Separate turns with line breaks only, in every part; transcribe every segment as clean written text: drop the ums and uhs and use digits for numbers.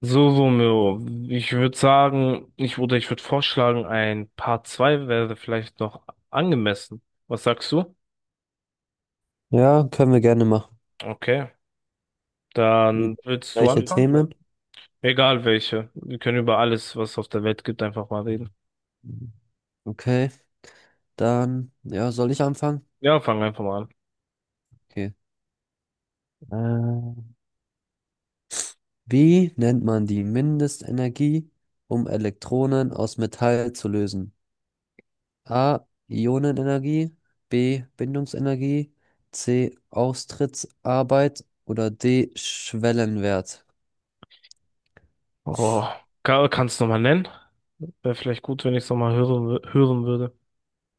So, Romeo, ich würde sagen, ich würde vorschlagen, ein Part 2 wäre vielleicht noch angemessen. Was sagst du?
Ja, können wir gerne machen.
Okay,
Über
dann willst du
gleiche
anfangen?
Themen.
Egal welche. Wir können über alles, was es auf der Welt gibt, einfach mal reden.
Okay, dann, ja, soll ich anfangen?
Ja, fang einfach mal an.
Okay. Äh, Wie nennt man die Mindestenergie, um Elektronen aus Metall zu lösen? A. Ionenenergie, B. Bindungsenergie, C. Austrittsarbeit oder D. Schwellenwert.
Oh, kannst du nochmal nennen? Wäre vielleicht gut, wenn ich es nochmal hören, hören würde.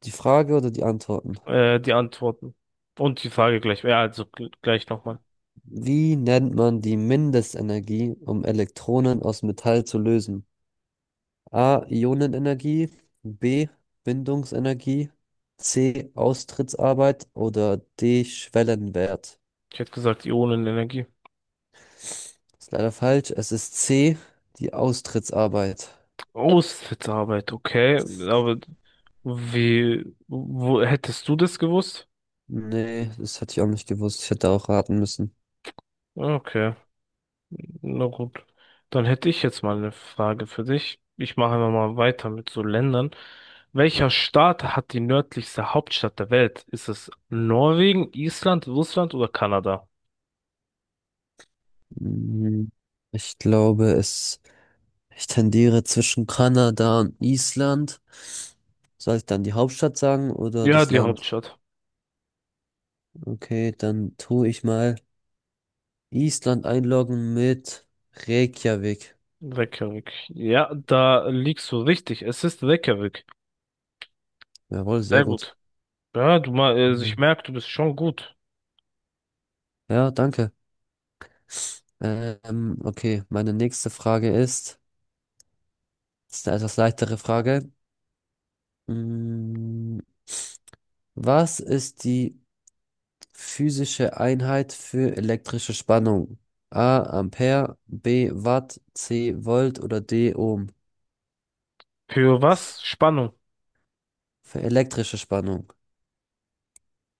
Die Frage oder die Antworten?
Die Antworten. Und die Frage gleich. Ja, also gleich nochmal.
Wie nennt man die Mindestenergie, um Elektronen aus Metall zu lösen? A. Ionenenergie, B. Bindungsenergie, C. Austrittsarbeit oder D. Schwellenwert.
Ich hätte gesagt, Ionenenergie.
Ist leider falsch. Es ist C. Die Austrittsarbeit.
Aushilfsarbeit, okay. Aber wo hättest du das gewusst?
Nee, das hatte ich auch nicht gewusst. Ich hätte auch raten müssen.
Okay, na gut. Dann hätte ich jetzt mal eine Frage für dich. Ich mache einfach mal weiter mit so Ländern. Welcher Staat hat die nördlichste Hauptstadt der Welt? Ist es Norwegen, Island, Russland oder Kanada?
Mhm. Ich glaube, es, Ich tendiere zwischen Kanada und Island. Soll ich dann die Hauptstadt sagen oder
Ja,
das
die
Land?
Hauptstadt.
Okay, dann tue ich mal Island einloggen mit Reykjavik.
Reykjavik. Ja, da liegst du richtig. Es ist Reykjavik.
Jawohl, sehr
Sehr
gut.
gut. Ja, du mal, also ich merke, du bist schon gut.
Ja, danke. Okay, meine nächste Frage ist eine etwas leichtere Frage. Mm, Was ist die physische Einheit für elektrische Spannung? A, Ampere, B, Watt, C, Volt oder D, Ohm?
Für was? Spannung.
Für elektrische Spannung.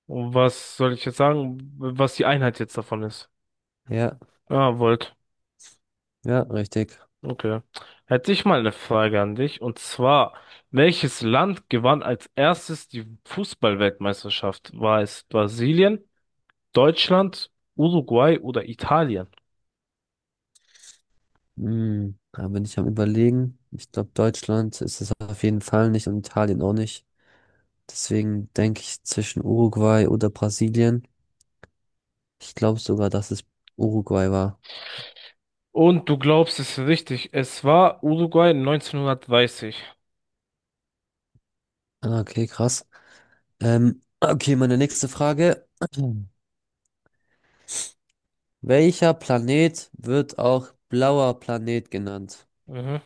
Was soll ich jetzt sagen, was die Einheit jetzt davon ist?
Ja,
Ah, Volt.
ja, richtig.
Okay. Hätte ich mal eine Frage an dich. Und zwar, welches Land gewann als erstes die Fußballweltmeisterschaft? War es Brasilien, Deutschland, Uruguay oder Italien?
Mm, da bin ich am Überlegen. Ich glaube, Deutschland ist es auf jeden Fall nicht und Italien auch nicht. Deswegen denke ich zwischen Uruguay oder Brasilien. Ich glaube sogar, dass es Uruguay war.
Und du glaubst es richtig, es war Uruguay 1930.
Ah, okay, krass. Okay, meine nächste Frage. Welcher Planet wird auch blauer Planet genannt?
Mhm.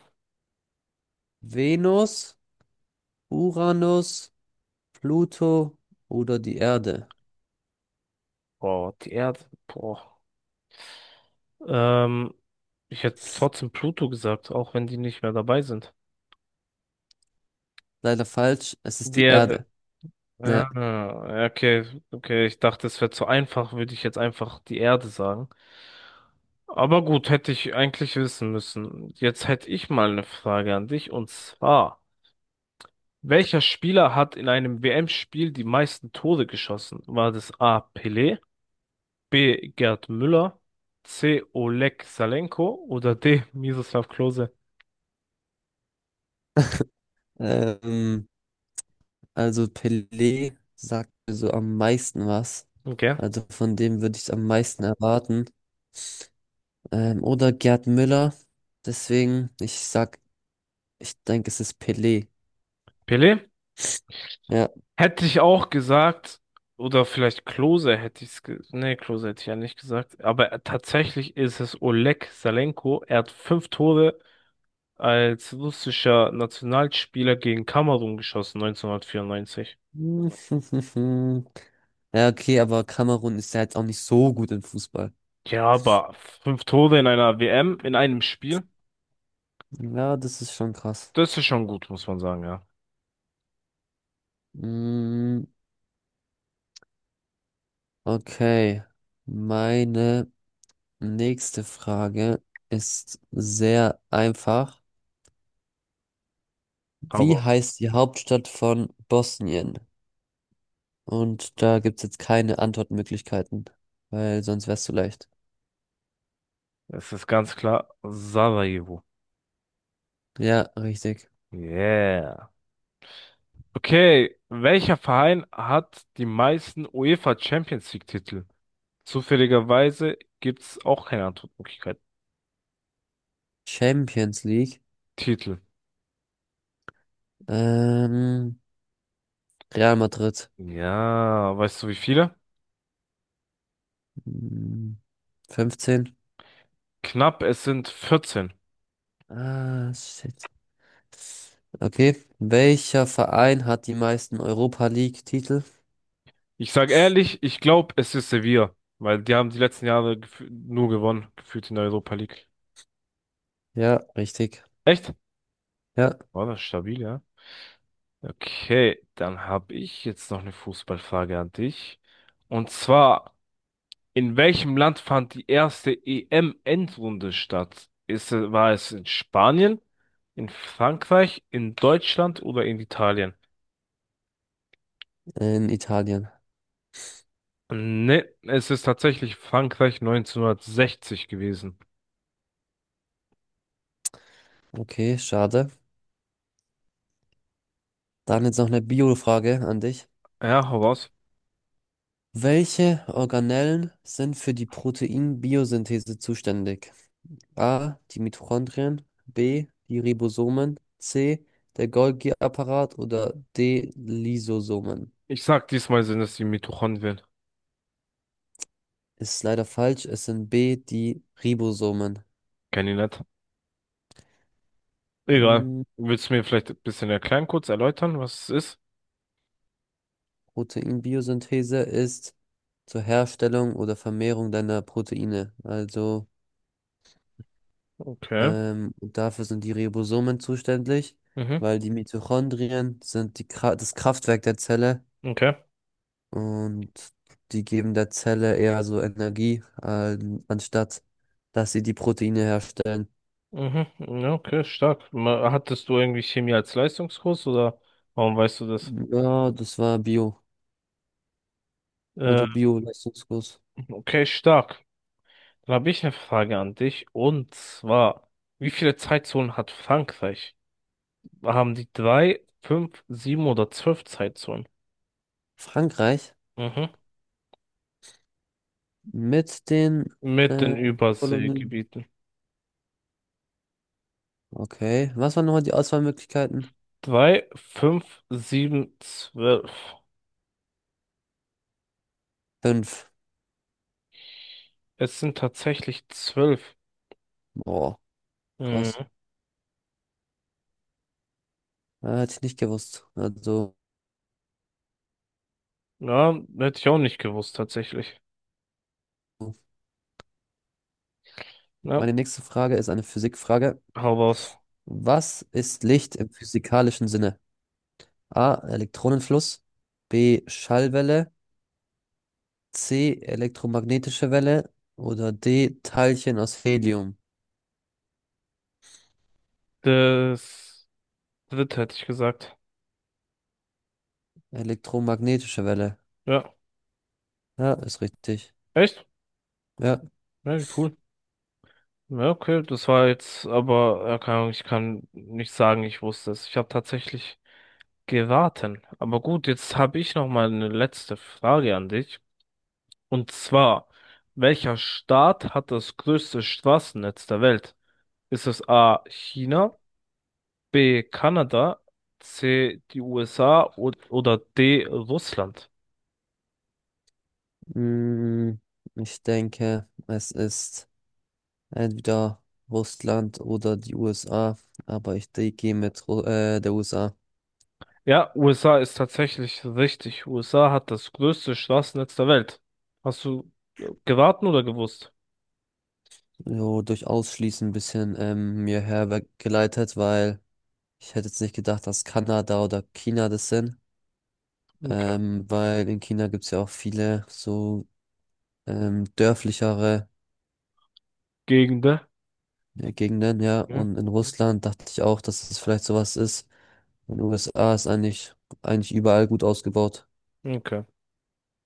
Venus, Uranus, Pluto oder die Erde?
Boah, die Erde. Boah. Ähm, ich hätte trotzdem Pluto gesagt, auch wenn die nicht mehr dabei sind.
Leider falsch, es ist
Die
die
Erde.
Erde. Ja,
Ja, ja, okay, okay. Ich dachte, es wäre zu einfach, würde ich jetzt einfach die Erde sagen. Aber gut, hätte ich eigentlich wissen müssen. Jetzt hätte ich mal eine Frage an dich und zwar, welcher Spieler hat in einem WM-Spiel die meisten Tore geschossen? War das A. Pelé, B. Gerd Müller, C. Oleg Salenko oder D. Miroslav Klose?
ähm, also Pelé sagt mir so am meisten was.
Okay.
Also von dem würde ich am meisten erwarten. Oder Gerd Müller. Deswegen, ich sag, ich denke, es ist Pelé.
Pelé?
Ja.
Hätte ich auch gesagt, oder vielleicht Klose hätte ich es ge nee, Klose hätte ich ja nicht gesagt, aber tatsächlich ist es Oleg Salenko. Er hat fünf Tore als russischer Nationalspieler gegen Kamerun geschossen, 1994.
Ja, okay, aber Kamerun ist ja jetzt auch nicht so gut im Fußball.
Ja, aber fünf Tore in einer WM, in einem Spiel,
Ja, das ist schon krass.
das ist schon gut, muss man sagen, ja.
Mm, okay. Meine nächste Frage ist sehr einfach. Wie
Aber
heißt die Hauptstadt von Bosnien? Und da gibt es jetzt keine Antwortmöglichkeiten, weil sonst wär's zu leicht.
es ist ganz klar Sarajevo.
Ja, richtig.
Yeah. Okay, welcher Verein hat die meisten UEFA Champions League Titel? Zufälligerweise gibt's auch keine Antwortmöglichkeit.
Champions League.
Titel.
Ähm, Real Madrid.
Ja, weißt du wie viele?
Hm, 15.
Knapp, es sind 14.
Ah, shit. Okay. Welcher Verein hat die meisten Europa League-Titel?
Ich sag ehrlich, ich glaube, es ist Sevilla, weil die haben die letzten Jahre nur gewonnen, gefühlt in der Europa League.
Ja, richtig.
Echt?
Ja,
War das stabil, ja? Okay, dann habe ich jetzt noch eine Fußballfrage an dich. Und zwar, in welchem Land fand die erste EM-Endrunde statt? War es in Spanien, in Frankreich, in Deutschland oder in Italien?
in Italien.
Ne, es ist tatsächlich Frankreich 1960 gewesen.
Okay, schade. Dann jetzt noch eine Bio-Frage an dich.
Ja, hau raus.
Welche Organellen sind für die Proteinbiosynthese zuständig? A, die Mitochondrien, B, die Ribosomen, C, der Golgi-Apparat oder D, Lysosomen.
Ich sag, diesmal sind es die Mitochondrien.
Ist leider falsch, es sind B, die Ribosomen.
Kenn ich nicht. Egal.
Hm,
Willst du mir vielleicht ein bisschen erklären, kurz erläutern, was es ist?
Proteinbiosynthese ist zur Herstellung oder Vermehrung deiner Proteine. Also
Okay.
dafür sind die Ribosomen zuständig,
Mhm.
weil die Mitochondrien sind die Kra das Kraftwerk der Zelle.
Okay.
Und die geben der Zelle eher so Energie, anstatt dass sie die Proteine herstellen.
Mhm. Ja, okay, stark. Hattest du irgendwie Chemie als Leistungskurs oder warum weißt du das?
Ja, das war Bio,
Äh,
also Bio-Leistungskurs.
Okay, stark. Dann habe ich eine Frage an dich. Und zwar, wie viele Zeitzonen hat Frankreich? Haben die drei, fünf, sieben oder zwölf Zeitzonen?
Frankreich
Mhm.
mit den
Mit den
äh, Kolonien.
Überseegebieten.
Okay, was waren nochmal die Auswahlmöglichkeiten?
Drei, fünf, sieben, zwölf.
Fünf.
Es sind tatsächlich zwölf.
Boah, krass.
Mhm.
Hätte ich nicht gewusst. Also,
Ja, hätte ich auch nicht gewusst, tatsächlich. Ja,
meine nächste Frage ist eine Physikfrage.
hau raus.
Was ist Licht im physikalischen Sinne? A. Elektronenfluss. B. Schallwelle. C. Elektromagnetische Welle. Oder D. Teilchen aus Helium.
Das dritte hätte ich gesagt.
Elektromagnetische Welle.
Ja.
Ja, ist richtig.
Echt?
Ja,
Ja, wie cool. Ja, okay, das war jetzt, aber ja, keine Ahnung, ich kann nicht sagen, ich wusste es. Ich habe tatsächlich geraten. Aber gut, jetzt habe ich noch mal eine letzte Frage an dich. Und zwar, welcher Staat hat das größte Straßennetz der Welt? Ist es A. China, B. Kanada, C. die USA und, oder D. Russland?
mm, ich denke, es ist entweder Russland oder die USA. Aber ich gehe mit Ru der USA.
Ja, USA ist tatsächlich richtig. USA hat das größte Straßennetz der Welt. Hast du geraten oder gewusst?
So durch Ausschließen ein bisschen mir hergeleitet, weil ich hätte jetzt nicht gedacht, dass Kanada oder China das sind.
Okay.
Weil in China gibt es ja auch viele so dörflichere
Gegend, ne?
Ja, Gegenden, ja.
Mhm.
Und in Russland dachte ich auch, dass es vielleicht sowas ist. In den USA ist eigentlich überall gut ausgebaut.
Okay.